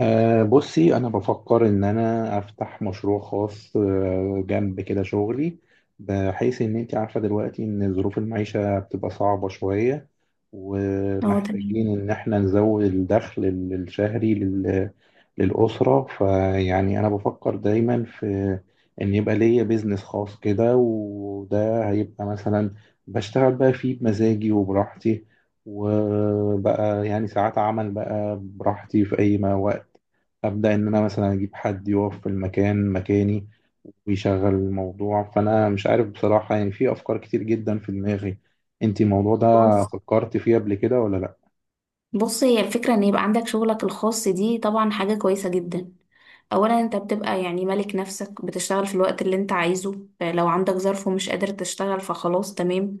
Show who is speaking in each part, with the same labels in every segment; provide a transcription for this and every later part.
Speaker 1: بصي، أنا بفكر إن أنا أفتح مشروع خاص جنب كده شغلي، بحيث إن أنت عارفة دلوقتي إن ظروف المعيشة بتبقى صعبة شوية،
Speaker 2: اه، تمام.
Speaker 1: ومحتاجين إن إحنا نزود الدخل الشهري للأسرة. فيعني أنا بفكر دايما في إن يبقى ليا بيزنس خاص كده، وده هيبقى مثلا بشتغل بقى فيه بمزاجي وبراحتي، وبقى يعني ساعات عمل بقى براحتي في أي ما وقت أبدأ إن أنا مثلا أجيب حد يقف في المكان مكاني ويشغل الموضوع. فأنا مش عارف بصراحة، يعني في أفكار كتير جدا في دماغي. أنت الموضوع ده
Speaker 2: بص
Speaker 1: فكرت فيه قبل كده ولا لأ؟
Speaker 2: بص هي الفكرة ان يبقى عندك شغلك الخاص دي طبعا حاجة كويسة جدا. اولا انت بتبقى يعني مالك نفسك، بتشتغل في الوقت اللي انت عايزه، لو عندك ظرف ومش قادر تشتغل فخلاص تمام.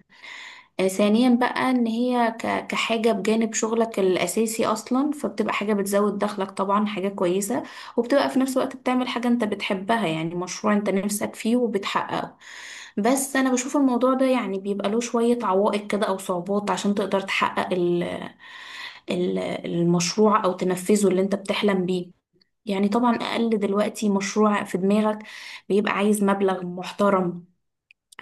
Speaker 2: ثانيا بقى ان هي كحاجة بجانب شغلك الاساسي اصلا فبتبقى حاجة بتزود دخلك، طبعا حاجة كويسة، وبتبقى في نفس الوقت بتعمل حاجة انت بتحبها، يعني مشروع انت نفسك فيه وبتحققه. بس انا بشوف الموضوع ده يعني بيبقى له شوية عوائق كده او صعوبات عشان تقدر تحقق ال- المشروع او تنفذه اللي انت بتحلم بيه. يعني طبعا اقل دلوقتي مشروع في دماغك بيبقى عايز مبلغ محترم،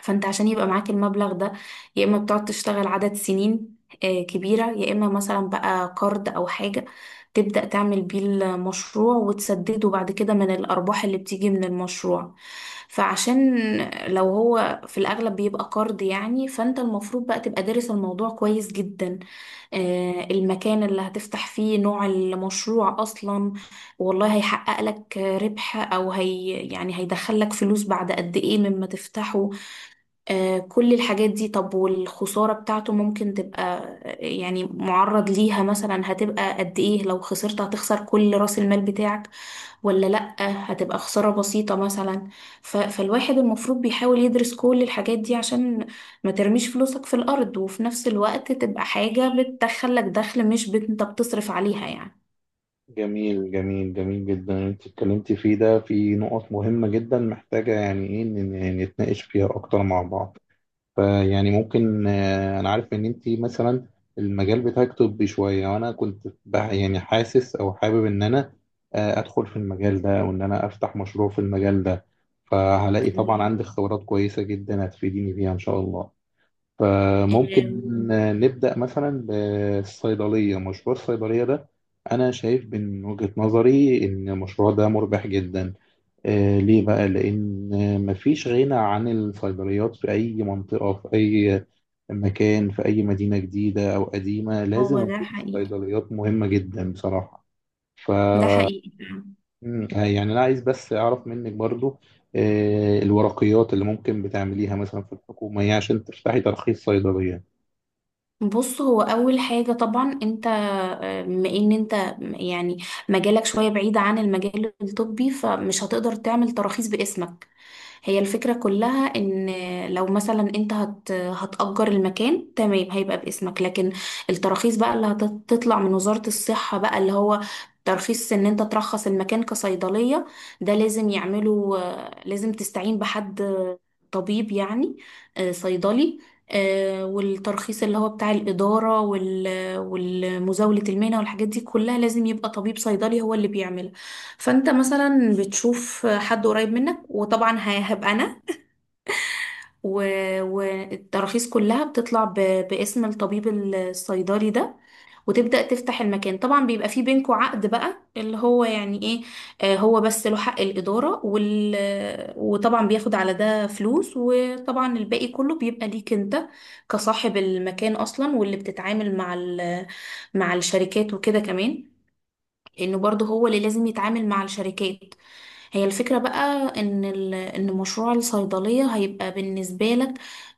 Speaker 2: فانت عشان يبقى معاك المبلغ ده، يا اما بتقعد تشتغل عدد سنين كبيرة، يا اما مثلا بقى قرض او حاجة تبدأ تعمل بيه المشروع وتسدده بعد كده من الارباح اللي بتيجي من المشروع. فعشان لو هو في الاغلب بيبقى قرض يعني، فانت المفروض بقى تبقى دارس الموضوع كويس جدا. المكان اللي هتفتح فيه، نوع المشروع اصلا، والله هيحقق لك ربح او هي يعني هيدخلك فلوس بعد قد ايه مما تفتحه، كل الحاجات دي. طب والخسارة بتاعته ممكن تبقى يعني معرض ليها، مثلا هتبقى قد ايه؟ لو خسرت هتخسر كل رأس المال بتاعك ولا لأ؟ هتبقى خسارة بسيطة مثلا. فالواحد المفروض بيحاول يدرس كل الحاجات دي، عشان ما ترميش فلوسك في الأرض، وفي نفس الوقت تبقى حاجة بتدخلك دخل مش انت بتصرف عليها يعني.
Speaker 1: جميل جميل جميل جدا، أنت اتكلمتي فيه ده في نقط مهمة جدا محتاجة يعني إيه إن نتناقش فيها أكتر مع بعض. فيعني ممكن انا عارف ان انت مثلا المجال بتاعك طبي شويه، وانا كنت يعني حاسس او حابب ان انا ادخل في المجال ده، او ان انا افتح مشروع في المجال ده. فهلاقي طبعا
Speaker 2: تمام.
Speaker 1: عندك خبرات كويسه جدا هتفيديني بيها ان شاء الله. فممكن
Speaker 2: آم،
Speaker 1: نبدأ مثلا بالصيدلية، مشروع الصيدلية ده أنا شايف من وجهة نظري إن المشروع ده مربح جدا. ليه بقى؟ لأن مفيش غنى عن الصيدليات في أي منطقة، في أي مكان، في أي مدينة جديدة أو قديمة.
Speaker 2: هو
Speaker 1: لازم
Speaker 2: ده
Speaker 1: يكون
Speaker 2: حقيقي،
Speaker 1: الصيدليات مهمة جدا بصراحة. ف
Speaker 2: ده حقيقي.
Speaker 1: مم، آه، يعني أنا عايز بس أعرف منك برضو الورقيات اللي ممكن بتعمليها مثلا في الحكومة يعني عشان تفتحي ترخيص صيدلية.
Speaker 2: بص، هو اول حاجه طبعا انت بما ان انت يعني مجالك شويه بعيد عن المجال الطبي، فمش هتقدر تعمل تراخيص باسمك. هي الفكره كلها ان لو مثلا انت هتأجر المكان تمام، هيبقى باسمك، لكن التراخيص بقى اللي هتطلع من وزاره الصحه، بقى اللي هو ترخيص ان انت ترخص المكان كصيدليه، ده لازم يعملوا لازم تستعين بحد طبيب يعني، صيدلي. والترخيص اللي هو بتاع الإدارة والمزاولة المهنة والحاجات دي كلها لازم يبقى طبيب صيدلي هو اللي بيعملها. فأنت مثلا بتشوف حد قريب منك، وطبعا هبقى أنا، والتراخيص كلها بتطلع باسم الطبيب الصيدلي ده، وتبدأ تفتح المكان. طبعا بيبقى في بينكوا عقد بقى اللي هو يعني ايه، آه، هو بس له حق الإدارة وال... وطبعا بياخد على ده فلوس، وطبعا الباقي كله بيبقى ليك انت كصاحب المكان أصلا، واللي بتتعامل مع ال... مع الشركات وكده كمان، لانه برضه هو اللي لازم يتعامل مع الشركات. هي الفكرة بقى ان ان مشروع الصيدلية هيبقى بالنسبة لك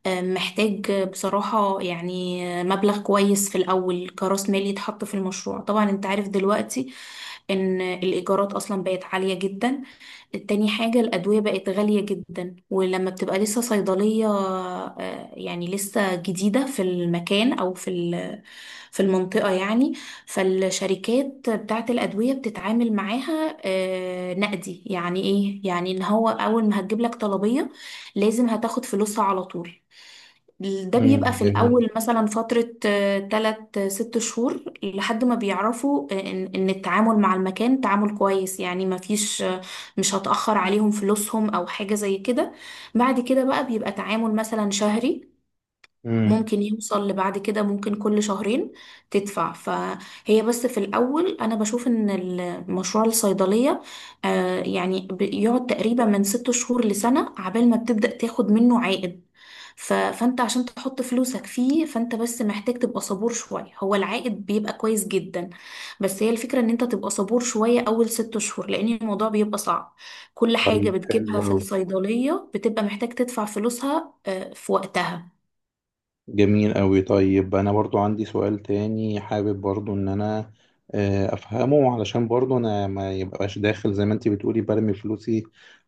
Speaker 2: محتاج بصراحة يعني مبلغ كويس في الاول كرأس مال يتحط في المشروع. طبعا انت عارف دلوقتي ان الايجارات اصلا بقت عالية جدا. تاني حاجة، الأدوية بقت غالية جدا. ولما بتبقى لسه صيدلية يعني لسه جديدة في المكان أو في في المنطقة يعني، فالشركات بتاعة الأدوية بتتعامل معاها نقدي. يعني إيه؟ يعني إن هو أول ما هتجيب لك طلبية لازم هتاخد فلوسها على طول. ده بيبقى
Speaker 1: امم،
Speaker 2: في
Speaker 1: جميل.
Speaker 2: الأول مثلا فترة تلات ست شهور، لحد ما بيعرفوا إن التعامل مع المكان تعامل كويس، يعني مفيش مش هتأخر عليهم فلوسهم أو حاجة زي كده. بعد كده بقى بيبقى تعامل مثلا شهري،
Speaker 1: امم.
Speaker 2: ممكن يوصل لبعد كده ممكن كل شهرين تدفع. فهي بس في الأول أنا بشوف إن المشروع الصيدلية يعني بيقعد تقريبا من ست شهور لسنة عبال ما بتبدأ تاخد منه عائد. فأنت عشان تحط فلوسك فيه، فأنت بس محتاج تبقى صبور شوية، هو العائد بيبقى كويس جدا. بس هي الفكرة إن أنت تبقى صبور شوية أول ست شهور، لأن الموضوع بيبقى صعب، كل حاجة
Speaker 1: طيب، حلو
Speaker 2: بتجيبها في
Speaker 1: أوي.
Speaker 2: الصيدلية بتبقى محتاج تدفع فلوسها آه في وقتها.
Speaker 1: جميل أوي. طيب، أنا برضو عندي سؤال تاني، حابب برضو إن أنا أفهمه، علشان برضو أنا ما يبقاش داخل زي ما أنت بتقولي برمي فلوسي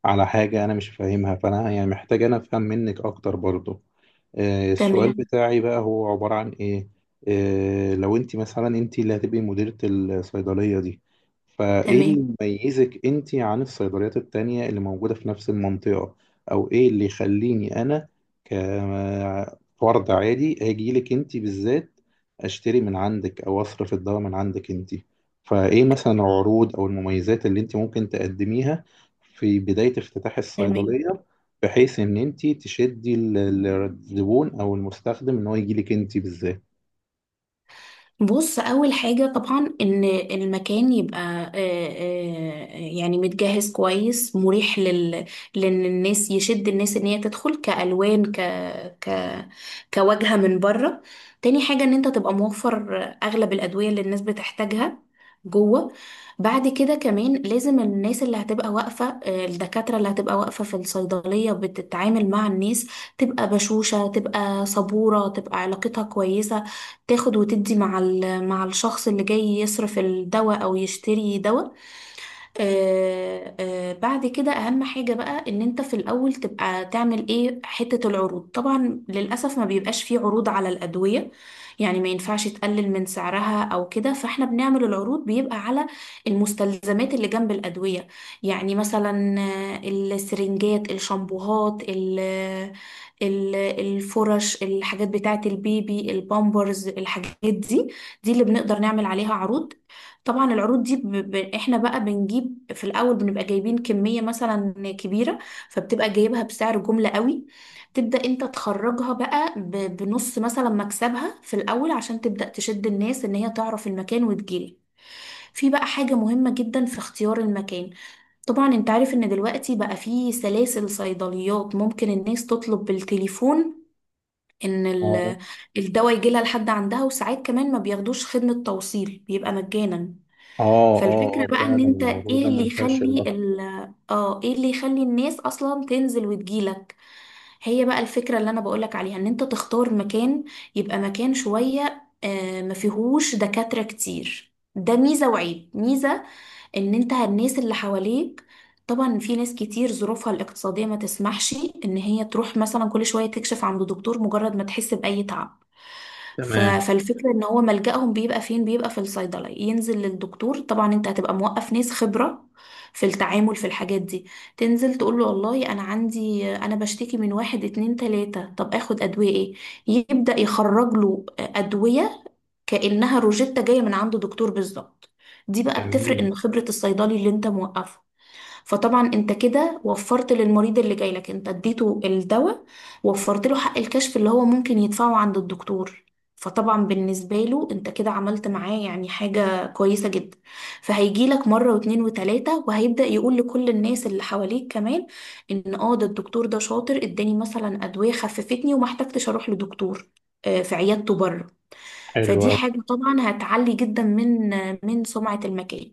Speaker 1: على حاجة أنا مش فاهمها. فأنا يعني محتاج أنا أفهم منك أكتر برضو. السؤال
Speaker 2: تمام.
Speaker 1: بتاعي بقى هو عبارة عن إيه؟ لو أنت مثلا أنت اللي هتبقي مديرة الصيدلية دي، فإيه
Speaker 2: تمام
Speaker 1: اللي يميزك أنت عن الصيدليات التانية اللي موجودة في نفس المنطقة؟ أو إيه اللي يخليني أنا ك فرد عادي هاجي لك انت بالذات اشتري من عندك، او اصرف الدواء من عندك انت؟ فايه مثلا العروض او المميزات اللي انت ممكن تقدميها في بداية افتتاح
Speaker 2: تمام.
Speaker 1: الصيدلية، بحيث ان انت تشدي الزبون او المستخدم ان هو يجي لك انت بالذات؟
Speaker 2: بص، اول حاجه طبعا ان المكان يبقى يعني متجهز كويس مريح لل، لان الناس يشد الناس ان هي تدخل كالوان ك ك كواجهه من بره. تاني حاجه ان انت تبقى موفر اغلب الادويه اللي الناس بتحتاجها جوه. بعد كده كمان لازم الناس اللي هتبقى واقفه الدكاتره اللي هتبقى واقفه في الصيدليه بتتعامل مع الناس، تبقى بشوشه، تبقى صبوره، تبقى علاقتها كويسه، تاخد وتدي مع مع الشخص اللي جاي يصرف الدواء او يشتري دواء. بعد كده اهم حاجة بقى ان انت في الاول تبقى تعمل ايه، حتة العروض. طبعا للأسف ما بيبقاش فيه عروض على الأدوية، يعني ما ينفعش تقلل من سعرها او كده، فاحنا بنعمل العروض بيبقى على المستلزمات اللي جنب الأدوية، يعني مثلا السرنجات، الشامبوهات، الفرش، الحاجات بتاعة البيبي، البامبرز، الحاجات دي، دي اللي بنقدر نعمل عليها عروض. طبعا العروض دي احنا بقى بنجيب في الاول، بنبقى جايبين كمية مثلا كبيرة، فبتبقى جايبها بسعر جملة قوي. تبدأ انت تخرجها بقى ب... بنص مثلا مكسبها في الاول، عشان تبدأ تشد الناس ان هي تعرف المكان وتجيلي. في بقى حاجة مهمة جدا في اختيار المكان. طبعا انت عارف ان دلوقتي بقى في سلاسل صيدليات، ممكن الناس تطلب بالتليفون ان
Speaker 1: اه.
Speaker 2: الدواء يجيلها لحد عندها، وساعات كمان ما بياخدوش خدمة توصيل، بيبقى مجانا.
Speaker 1: اه. اه،
Speaker 2: فالفكرة بقى
Speaker 1: فعلا
Speaker 2: ان انت
Speaker 1: الموضوع ده
Speaker 2: ايه اللي يخلي
Speaker 1: منتشر اكتر.
Speaker 2: ال اه ايه اللي يخلي الناس اصلا تنزل وتجيلك. هي بقى الفكرة اللي انا بقولك عليها، ان انت تختار مكان يبقى مكان شوية ما فيهوش دكاترة كتير، ده ميزة وعيب. ميزة ان انت الناس اللي حواليك، طبعا في ناس كتير ظروفها الاقتصادية ما تسمحش ان هي تروح مثلا كل شوية تكشف عند دكتور مجرد ما تحس بأي تعب.
Speaker 1: تمام.
Speaker 2: فالفكرة ان هو ملجأهم بيبقى فين؟ بيبقى في الصيدلة، ينزل للدكتور. طبعا انت هتبقى موقف ناس خبرة في التعامل في الحاجات دي، تنزل تقول له والله انا عندي، انا بشتكي من واحد اتنين تلاتة، طب اخد ادوية ايه؟ يبدأ يخرج له ادوية كأنها روجيتا جاية من عند دكتور بالظبط. دي بقى بتفرق، ان
Speaker 1: جميل.
Speaker 2: خبرة الصيدلي اللي انت موقفه. فطبعا انت كده وفرت للمريض اللي جاي لك، انت اديته الدواء، وفرت له حق الكشف اللي هو ممكن يدفعه عند الدكتور، فطبعا بالنسبة له انت كده عملت معاه يعني حاجة كويسة جدا. فهيجي لك مرة واتنين وتلاتة، وهيبدأ يقول لكل الناس اللي حواليك كمان ان اه ده الدكتور ده شاطر، اداني مثلا ادوية خففتني وما احتجتش اروح لدكتور في عيادته بره.
Speaker 1: حلو
Speaker 2: فدي
Speaker 1: أوي.
Speaker 2: حاجة طبعا هتعلي جدا من من سمعة المكان.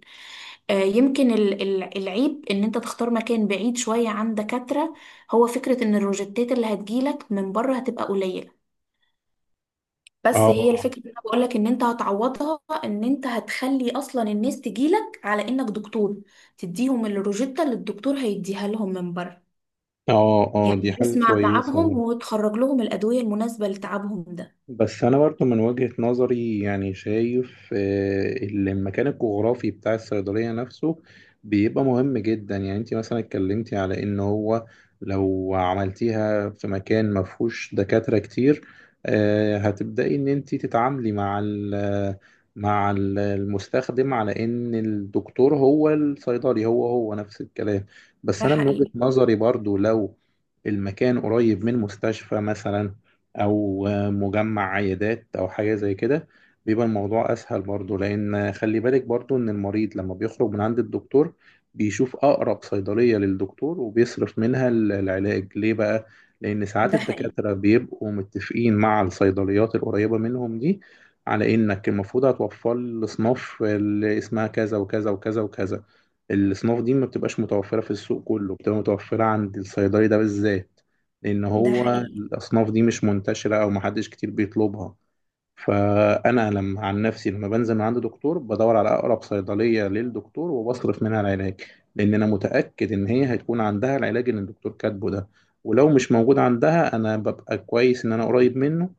Speaker 2: يمكن العيب ان انت تختار مكان بعيد شوية عن دكاترة، هو فكرة ان الروجيتات اللي هتجيلك من بره هتبقى قليلة، بس
Speaker 1: اه.
Speaker 2: هي الفكرة اللي انا بقولك ان انت هتعوضها، ان انت هتخلي اصلا الناس تجيلك على انك دكتور، تديهم الروجيتا اللي الدكتور هيديها لهم من بره،
Speaker 1: اه. اه، دي
Speaker 2: يعني
Speaker 1: حاجة
Speaker 2: تسمع
Speaker 1: كويسة.
Speaker 2: تعبهم وتخرج لهم الأدوية المناسبة لتعبهم ده.
Speaker 1: بس أنا برضه من وجهة نظري يعني شايف المكان الجغرافي بتاع الصيدلية نفسه بيبقى مهم جدا. يعني أنت مثلا اتكلمتي على إن هو لو عملتيها في مكان مفهوش دكاترة كتير، هتبدأي إن أنت تتعاملي مع المستخدم على إن الدكتور هو الصيدلي، هو هو نفس الكلام. بس
Speaker 2: ده
Speaker 1: أنا من وجهة
Speaker 2: حقيقي
Speaker 1: نظري برضه لو المكان قريب من مستشفى مثلا، او مجمع عيادات او حاجه زي كده، بيبقى الموضوع اسهل برضو. لان خلي بالك برضو ان المريض لما بيخرج من عند الدكتور بيشوف اقرب صيدليه للدكتور وبيصرف منها العلاج ليه بقى. لان ساعات
Speaker 2: ده حقيقي
Speaker 1: الدكاتره بيبقوا متفقين مع الصيدليات القريبه منهم دي على انك المفروض هتوفر لي الاصناف اللي اسمها كذا وكذا وكذا وكذا. الاصناف دي ما بتبقاش متوفره في السوق كله، بتبقى متوفره عند الصيدلي ده بالذات. لان
Speaker 2: ده
Speaker 1: هو
Speaker 2: حقيقي.
Speaker 1: الاصناف دي مش منتشره، او محدش كتير بيطلبها. فانا لما عن نفسي لما بنزل من عند دكتور بدور على اقرب صيدليه للدكتور وبصرف منها العلاج، لان انا متاكد ان هي هتكون عندها العلاج اللي الدكتور كاتبه ده. ولو مش موجود عندها، انا ببقى كويس ان انا قريب منه،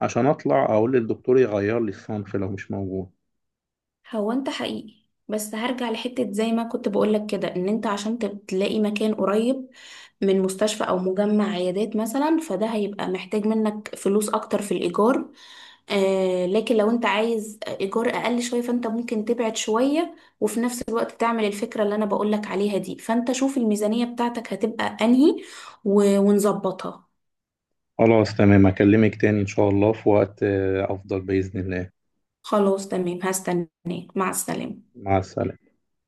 Speaker 1: عشان اطلع اقول للدكتور يغير لي الصنف لو مش موجود.
Speaker 2: هو انت حقيقي، بس هرجع لحتة زي ما كنت بقولك كده، ان انت عشان تلاقي مكان قريب من مستشفى او مجمع عيادات مثلا، فده هيبقى محتاج منك فلوس اكتر في الايجار. آه، لكن لو انت عايز ايجار اقل شوية، فانت ممكن تبعد شوية وفي نفس الوقت تعمل الفكرة اللي انا بقولك عليها دي. فانت شوف الميزانية بتاعتك هتبقى انهي ونظبطها.
Speaker 1: خلاص تمام، اكلمك تاني ان شاء الله في وقت افضل باذن الله.
Speaker 2: خلاص تمام، هستناك. مع السلامة.
Speaker 1: مع السلامه.